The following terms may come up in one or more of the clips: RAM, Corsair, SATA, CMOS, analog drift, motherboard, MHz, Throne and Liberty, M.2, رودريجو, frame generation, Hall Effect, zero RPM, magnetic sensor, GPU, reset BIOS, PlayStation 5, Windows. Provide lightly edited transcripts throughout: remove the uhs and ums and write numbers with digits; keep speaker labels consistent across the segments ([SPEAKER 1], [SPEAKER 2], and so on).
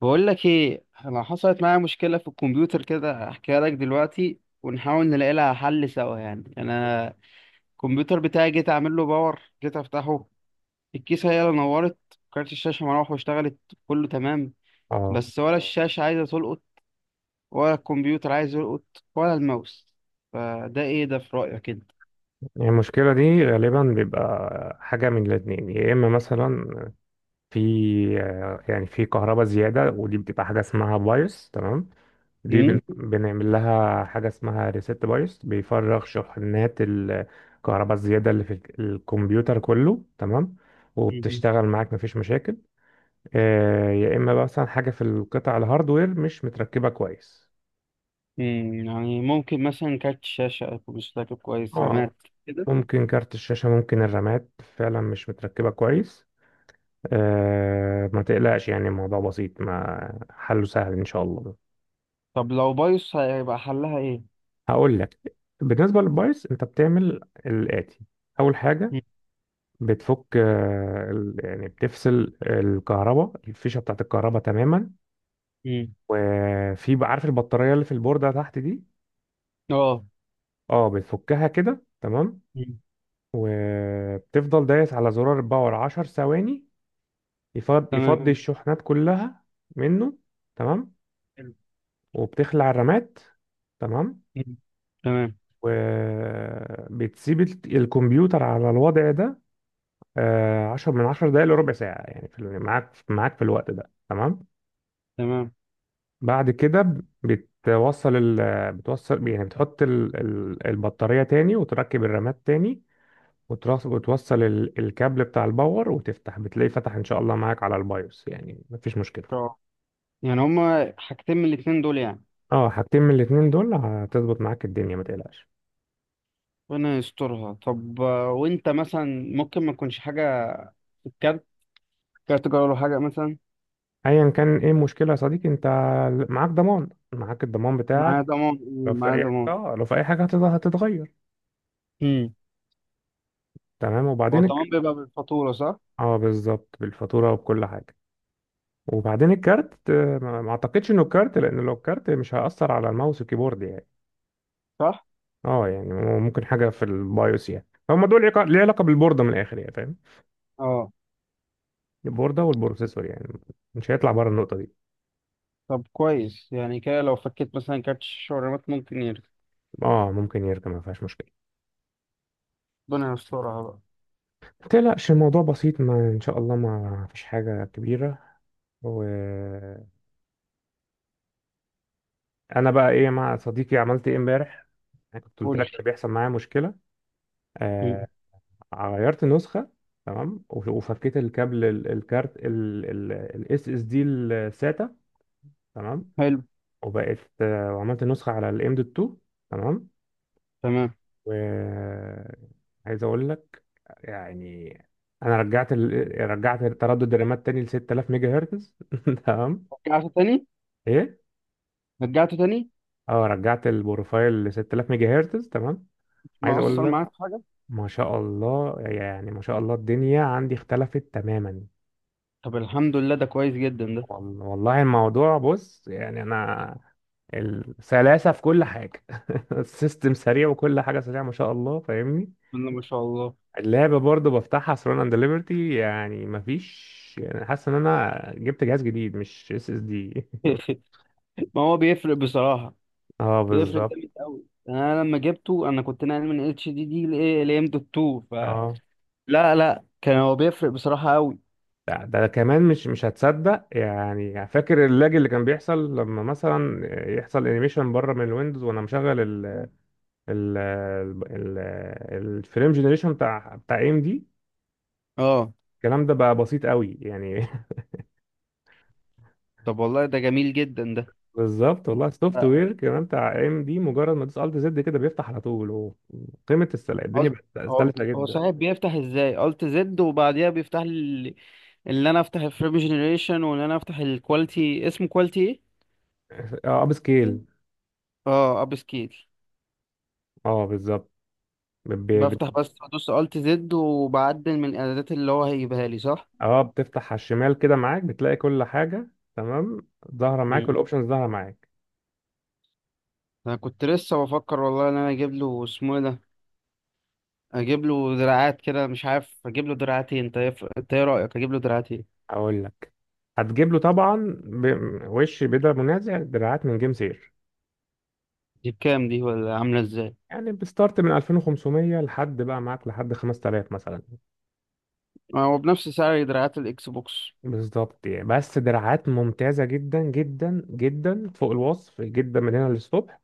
[SPEAKER 1] بقول لك ايه، انا حصلت معايا مشكله في الكمبيوتر كده. احكيها لك دلوقتي ونحاول نلاقي لها حل سوا. يعني انا الكمبيوتر بتاعي جيت اعمل له باور، جيت افتحه الكيسه هي اللي نورت، كارت الشاشه مروح واشتغلت. كله تمام.
[SPEAKER 2] اه
[SPEAKER 1] بس ولا الشاشه عايزه تلقط ولا الكمبيوتر عايز يلقط ولا الماوس. فده ايه ده في رايك كده؟
[SPEAKER 2] يعني المشكلة دي غالبا بيبقى حاجة من الاتنين، يا إما مثلا في آه، يعني في كهرباء زيادة، ودي بتبقى حاجة اسمها بايوس. تمام. دي
[SPEAKER 1] امم
[SPEAKER 2] بن- مم. بنعمل لها حاجة اسمها ريست بايوس، بيفرغ شحنات الكهرباء الزيادة اللي في الكمبيوتر كله. تمام. وبتشتغل معاك مفيش مشاكل. يا إما بقى مثلا حاجة في القطع الهاردوير مش متركبة كويس.
[SPEAKER 1] يعني ممكن مثلا كارت الشاشه، أكون مش فاكر كويس،
[SPEAKER 2] اه،
[SPEAKER 1] رامات كده.
[SPEAKER 2] ممكن كارت الشاشة، ممكن الرامات فعلا مش متركبة كويس. ما تقلقش، يعني الموضوع بسيط ما حله سهل ان شاء الله.
[SPEAKER 1] طب لو بايظ هيبقى حلها ايه؟
[SPEAKER 2] هقول لك. بالنسبه للبايث انت بتعمل الاتي: اول حاجه
[SPEAKER 1] مم.
[SPEAKER 2] بتفك يعني بتفصل الكهرباء، الفيشه بتاعت الكهرباء تماما.
[SPEAKER 1] مم.
[SPEAKER 2] عارف البطاريه اللي في البورده تحت دي؟
[SPEAKER 1] اه،
[SPEAKER 2] اه، بتفكها كده. تمام. وبتفضل دايس على زرار الباور 10 ثواني،
[SPEAKER 1] تمام.
[SPEAKER 2] يفضي الشحنات كلها منه. تمام.
[SPEAKER 1] حلو.
[SPEAKER 2] وبتخلع الرامات. تمام.
[SPEAKER 1] مم. تمام
[SPEAKER 2] وبتسيب الكمبيوتر على الوضع ده عشر من عشر دقايق لربع ساعة، يعني معاك في الوقت ده. تمام.
[SPEAKER 1] تمام. ان
[SPEAKER 2] بعد كده بتوصل يعني بتحط البطارية تاني، وتركب الرامات تاني، وتوصل الكابل بتاع الباور وتفتح، بتلاقيه فتح ان شاء الله معاك على البايوس، يعني مفيش مشكلة.
[SPEAKER 1] شاء الله. يعني هما حاجتين من الاتنين دول يعني.
[SPEAKER 2] اه، حاجتين من الاتنين دول هتظبط معاك الدنيا، ما تقلقش.
[SPEAKER 1] ربنا يسترها. طب، وانت مثلا ممكن ما تكونش حاجة في الكارت، كارت جوه ولا حاجة مثلا؟
[SPEAKER 2] ايا كان ايه المشكلة يا صديقي، انت معاك ضمان، معاك الضمان بتاعك.
[SPEAKER 1] معايا ضمان،
[SPEAKER 2] لو
[SPEAKER 1] إيه،
[SPEAKER 2] في
[SPEAKER 1] معايا
[SPEAKER 2] حاجه،
[SPEAKER 1] ضمان.
[SPEAKER 2] اه لو في اي حاجه هتتغير.
[SPEAKER 1] امم
[SPEAKER 2] تمام.
[SPEAKER 1] هو
[SPEAKER 2] وبعدين
[SPEAKER 1] الضمان
[SPEAKER 2] الك...
[SPEAKER 1] بيبقى بالفاتورة، صح؟
[SPEAKER 2] اه، بالظبط بالفاتوره وبكل حاجه. وبعدين الكارت، ما اعتقدش انه الكارت، لان لو الكارت مش هيأثر على الماوس والكيبورد يعني.
[SPEAKER 1] صح؟
[SPEAKER 2] اه، يعني ممكن حاجه في البايوس، يعني هما دول ليه علاقه بالبورده من الاخر يعني، فاهم؟
[SPEAKER 1] اه.
[SPEAKER 2] البورده والبروسيسور، يعني مش هيطلع بره النقطه دي.
[SPEAKER 1] طب كويس. يعني كده لو فكيت مثلا كارت الشاشة والرامات ممكن يرجع؟
[SPEAKER 2] اه، ممكن يركب، ما فيهاش مشكله.
[SPEAKER 1] ربنا يسترها بقى.
[SPEAKER 2] ما تقلقش، الموضوع بسيط، ما ان شاء الله ما فيش حاجه كبيره. وانا بقى ايه مع صديقي، عملت ايه امبارح؟ انا كنت قلت
[SPEAKER 1] قول
[SPEAKER 2] لك إن
[SPEAKER 1] لي.
[SPEAKER 2] بيحصل معايا مشكله.
[SPEAKER 1] مم.
[SPEAKER 2] آه، غيرت نسخة. تمام. وفكيت الكابل الكارت الاس اس دي الساتا. تمام.
[SPEAKER 1] حلو.
[SPEAKER 2] وبقت، وعملت نسخة على الام دوت 2. تمام.
[SPEAKER 1] تمام.
[SPEAKER 2] و عايز اقول لك، يعني انا رجعت ال... رجعت تردد الرامات تاني ل 6,000 ميجا هرتز تمام.
[SPEAKER 1] رجعته تاني؟
[SPEAKER 2] ايه،
[SPEAKER 1] رجعته تاني؟
[SPEAKER 2] اه رجعت البروفايل ل 6,000 ميجا هرتز. تمام. عايز
[SPEAKER 1] ما
[SPEAKER 2] اقول
[SPEAKER 1] أثر
[SPEAKER 2] لك،
[SPEAKER 1] معاك في حاجة؟
[SPEAKER 2] ما شاء الله، يعني ما شاء الله الدنيا عندي اختلفت تماما.
[SPEAKER 1] طب الحمد لله، ده كويس جدا ده.
[SPEAKER 2] والله الموضوع بص، يعني انا السلاسة في كل حاجة السيستم سريع وكل حاجة سريعة، ما شاء الله، فاهمني؟
[SPEAKER 1] بسم الله ما شاء الله.
[SPEAKER 2] اللعبة برضو بفتحها ثرون اند ليبرتي، يعني مفيش، يعني حاسس ان انا جبت جهاز جديد، مش اس اس دي.
[SPEAKER 1] ما هو بيفرق بصراحة.
[SPEAKER 2] اه
[SPEAKER 1] بيفرق
[SPEAKER 2] بالظبط.
[SPEAKER 1] جامد قوي. انا لما جبته انا كنت ناقل من اتش دي دي لام دوت 2 ف
[SPEAKER 2] اه،
[SPEAKER 1] لا لا، كان هو بيفرق بصراحة قوي.
[SPEAKER 2] ده كمان مش هتصدق، يعني فاكر اللاج اللي كان بيحصل لما مثلا يحصل انيميشن بره من الويندوز وانا مشغل ال ال ال- الفريم جنريشن بتاع ام دي.
[SPEAKER 1] اه.
[SPEAKER 2] الكلام ده بقى بسيط قوي يعني.
[SPEAKER 1] طب والله ده جميل جدا ده.
[SPEAKER 2] بالظبط. والله السوفت
[SPEAKER 1] آه،
[SPEAKER 2] وير كمان بتاع ام دي، مجرد ما تدوس الت زد كده بيفتح على طول، وقيمه السلع الدنيا
[SPEAKER 1] قصد-
[SPEAKER 2] بقت
[SPEAKER 1] هو
[SPEAKER 2] سلسه
[SPEAKER 1] هو
[SPEAKER 2] جدا.
[SPEAKER 1] صحيح بيفتح ازاي الت زد وبعديها بيفتح لي اللي انا افتح الفريم جنريشن؟ وان انا افتح الكواليتي، اسمه كواليتي ايه؟
[SPEAKER 2] اه اب سكيل.
[SPEAKER 1] اه، اب سكيل.
[SPEAKER 2] اه بالظبط. ب-
[SPEAKER 1] بفتح
[SPEAKER 2] ب-
[SPEAKER 1] بس بدوس الت زد وبعدل من الاعدادات اللي هو هيجيبها لي، صح؟
[SPEAKER 2] اه بتفتح على الشمال كده معاك، بتلاقي كل حاجه. تمام. ظاهره معاك والاوبشنز ظاهره معاك.
[SPEAKER 1] انا كنت لسه بفكر والله ان انا اجيب له، اسمه إيه ده، اجيب له دراعات كده. مش عارف اجيب له دراعتين. انت ايه رايك اجيب له دراعتين؟
[SPEAKER 2] اقول لك، هتجيب له طبعا. وش بدا منازع دراعات من جيم سير.
[SPEAKER 1] دي بكام دي ولا عامله ازاي؟
[SPEAKER 2] يعني بستارت من 2,500 لحد بقى معاك لحد 5,000 مثلا.
[SPEAKER 1] هو بنفس سعر دراعات الاكس بوكس؟
[SPEAKER 2] بالظبط يعني. بس دراعات ممتازة جدا جدا جدا فوق الوصف، جدا من هنا للصبح.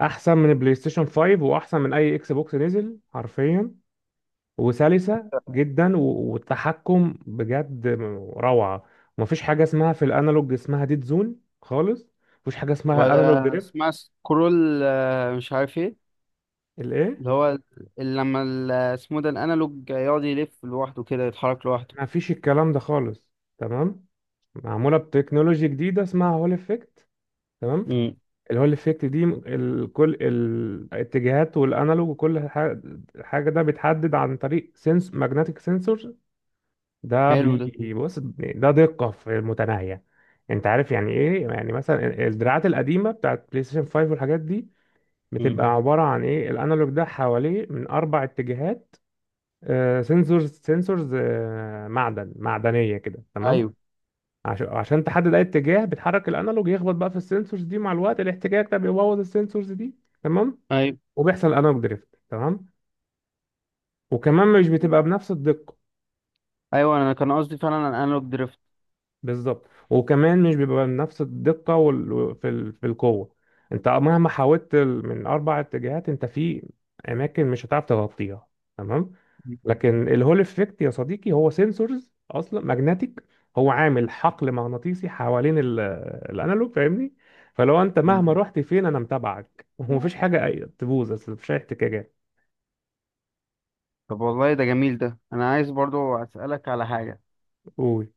[SPEAKER 2] أحسن من البلاي ستيشن 5 وأحسن من أي إكس بوكس نزل حرفيا. وسلسة جدا، والتحكم بجد روعة. ومفيش حاجة اسمها في الأنالوج اسمها ديد زون خالص. مفيش حاجة اسمها اه أنالوج
[SPEAKER 1] ولا
[SPEAKER 2] دريفت.
[SPEAKER 1] اسمها سكرول، مش عارف ايه،
[SPEAKER 2] الإيه؟
[SPEAKER 1] اللي هو اللي لما اسمه ده الانالوج يقعد يلف لوحده كده، يتحرك لوحده.
[SPEAKER 2] مفيش الكلام ده خالص. تمام. معمولة بتكنولوجيا جديدة اسمها هول إفكت. تمام.
[SPEAKER 1] امم
[SPEAKER 2] اللي هو الافكت دي، كل الاتجاهات والانالوج وكل حاجه، حاجة ده بيتحدد عن طريق ماجنتيك سنسور. ده
[SPEAKER 1] حلو ده.
[SPEAKER 2] بيبص ده دقه في المتناهيه. انت عارف يعني ايه؟ يعني مثلا الدراعات القديمه بتاعت بلاي ستيشن 5 والحاجات دي،
[SPEAKER 1] امم
[SPEAKER 2] بتبقى عباره عن ايه، الانالوج ده حواليه من اربع اتجاهات سنسورز معدن، معدنيه كده. تمام.
[SPEAKER 1] ايوه.
[SPEAKER 2] عشان تحدد اي اتجاه بتحرك الانالوج، يخبط بقى في السنسورز دي. مع الوقت الاحتكاك ده بيبوظ السنسورز دي. تمام.
[SPEAKER 1] ايوه
[SPEAKER 2] وبيحصل انالوج دريفت. تمام. وكمان مش بتبقى بنفس الدقة.
[SPEAKER 1] ايوه، انا كان قصدي فعلا الانالوج دريفت.
[SPEAKER 2] بالظبط، وكمان مش بيبقى بنفس الدقة، وال... في ال... في القوة، انت مهما حاولت من اربع اتجاهات، انت في اماكن مش هتعرف تغطيها. تمام. لكن الهول افكت يا صديقي هو سنسورز اصلا ماجنتيك، هو عامل حقل مغناطيسي حوالين ال... الانالوج، فاهمني؟ فلو انت
[SPEAKER 1] مم.
[SPEAKER 2] مهما رحت فين، انا متابعك ومفيش حاجة تبوظ، أصل مفيش اي احتكاكات.
[SPEAKER 1] طب والله ده جميل ده. انا عايز برضو اسالك على حاجه.
[SPEAKER 2] قول.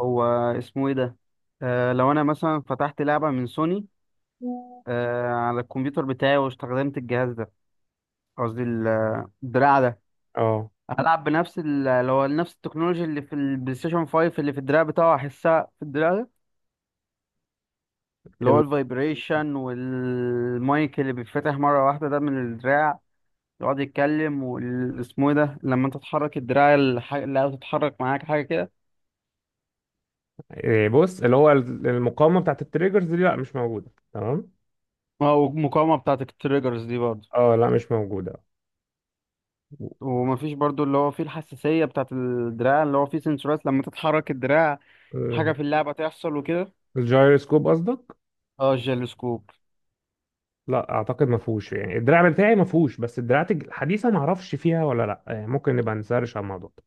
[SPEAKER 1] هو اسمه ايه ده، لو انا مثلا فتحت لعبة من سوني على الكمبيوتر بتاعي واستخدمت الجهاز ده، قصدي الدراع ده،
[SPEAKER 2] اه
[SPEAKER 1] هلعب بنفس اللي هو نفس التكنولوجيا اللي في البلاي ستيشن 5 اللي في الدراع بتاعه هحسها في الدراع ده؟ اللي هو
[SPEAKER 2] ال...
[SPEAKER 1] الفايبريشن، والمايك اللي بيتفتح مرة واحدة ده من الدراع يقعد يتكلم. واسمه ايه ده، لما انت تحرك الدراع اللي تتحرك معاك حاجة كده.
[SPEAKER 2] إيه، بص، اللي هو المقاومة بتاعت التريجرز دي لا مش موجودة. تمام.
[SPEAKER 1] اه، والمقاومة بتاعت التريجرز دي برضه.
[SPEAKER 2] اه لا مش موجودة.
[SPEAKER 1] ومفيش برضو اللي هو فيه الحساسية بتاعت الدراع اللي هو فيه سنسورات لما تتحرك الدراع حاجة
[SPEAKER 2] آه،
[SPEAKER 1] في اللعبة تحصل وكده.
[SPEAKER 2] الجايروسكوب قصدك؟
[SPEAKER 1] اه، الجيلوسكوب.
[SPEAKER 2] لا اعتقد ما فيهوش يعني، الدراع بتاعي ما فيهوش، بس الدراعات الحديثة ما اعرفش فيها ولا لا، يعني ممكن نبقى نسرش على الموضوع ده.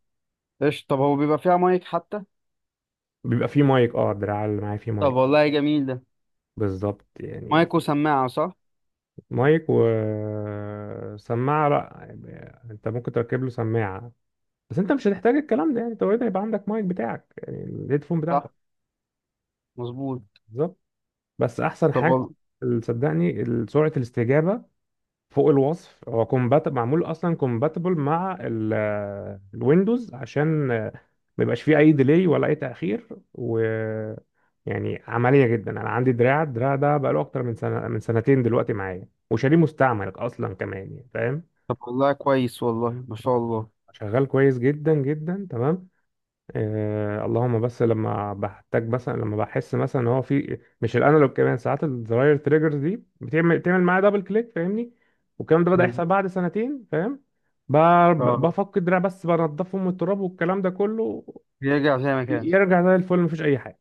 [SPEAKER 1] ايش؟ طب هو بيبقى فيها مايك حتى؟
[SPEAKER 2] بيبقى فيه مايك، اه الدراع اللي معايا فيه
[SPEAKER 1] طب
[SPEAKER 2] مايك.
[SPEAKER 1] والله جميل ده.
[SPEAKER 2] بالظبط يعني.
[SPEAKER 1] مايك وسماعة، صح؟
[SPEAKER 2] مايك وسماعة، لا. يعني انت ممكن تركب له سماعة، بس انت مش هتحتاج الكلام ده، يعني انت اوريدي هيبقى عندك مايك بتاعك، يعني الهيدفون بتاعتك.
[SPEAKER 1] صح. مظبوط.
[SPEAKER 2] بالظبط. بس احسن
[SPEAKER 1] طب
[SPEAKER 2] حاجة، صدقني، سرعة الاستجابة فوق الوصف. هو كومبات معمول اصلا كومباتبل مع الويندوز، عشان ما يبقاش فيه اي ديلي ولا اي تاخير. و يعني عمليه جدا، انا عندي دراع، الدراع ده بقاله اكتر من سنه، من سنتين دلوقتي معايا، وشاريه مستعمل اصلا كمان يعني، فاهم؟
[SPEAKER 1] طب والله كويس، والله ما شاء الله.
[SPEAKER 2] شغال كويس جدا جدا. تمام. آه، اللهم بس لما بحتاج مثلا، لما بحس مثلا ان هو مش الانالوج، كمان ساعات الزراير تريجرز دي بتعمل معايا دبل كليك، فاهمني؟ والكلام ده بدأ
[SPEAKER 1] مم.
[SPEAKER 2] يحصل بعد سنتين، فاهم؟
[SPEAKER 1] اه،
[SPEAKER 2] بفك الدراع بس، بنضفهم من التراب والكلام ده كله.
[SPEAKER 1] بيرجع زي ما كان.
[SPEAKER 2] يرجع زي الفل، مفيش اي حاجه.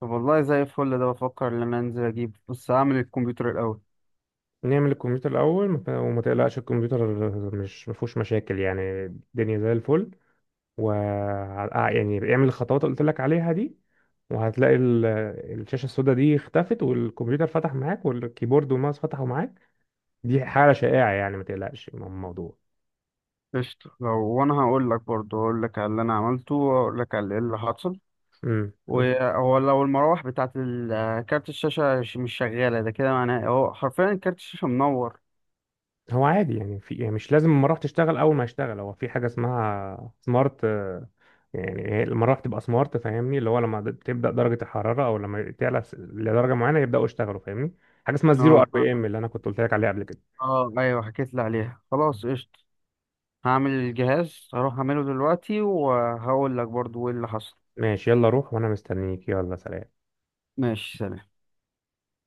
[SPEAKER 1] طب والله زي الفل، ده بفكر ان انا انزل اجيب، بس هعمل الكمبيوتر الاول.
[SPEAKER 2] نعمل الكمبيوتر الاول، وما تقلقش، الكمبيوتر مش مفهوش مشاكل، يعني الدنيا زي الفل. و يعني اعمل الخطوات اللي قلت لك عليها دي، وهتلاقي الشاشة السوداء دي اختفت، والكمبيوتر فتح معاك، والكيبورد والماوس فتحوا معاك. دي حالة شائعة، يعني ما تقلقش من الموضوع.
[SPEAKER 1] قشطة. لو وانا هقول لك على اللي انا عملته واقول لك على اللي حصل.
[SPEAKER 2] امم.
[SPEAKER 1] وهو لو المراوح بتاعت كارت الشاشة مش شغالة ده، كده معناه هو حرفيا كارت الشاشة منور.
[SPEAKER 2] هو عادي يعني، في يعني مش لازم المراوح تشتغل اول ما يشتغل، هو في حاجة اسمها سمارت، يعني هي المراوح تبقى سمارت، فاهمني؟ اللي هو لما تبدأ درجة الحرارة، او لما تعلى لدرجة معينة يبدأوا يشتغلوا، فاهمني؟ حاجة اسمها الزيرو ار
[SPEAKER 1] اه اه.
[SPEAKER 2] بي ام، اللي انا كنت قلت لك عليها قبل كده.
[SPEAKER 1] ايوه، حكيت لي عليها. خلاص، قشطة. هعمل الجهاز، هروح اعمله دلوقتي وهقول لك برضو ايه اللي حصل.
[SPEAKER 2] ماشي، يلا روح، وانا مستنيك، يلا سلام.
[SPEAKER 1] ماشي، سلام.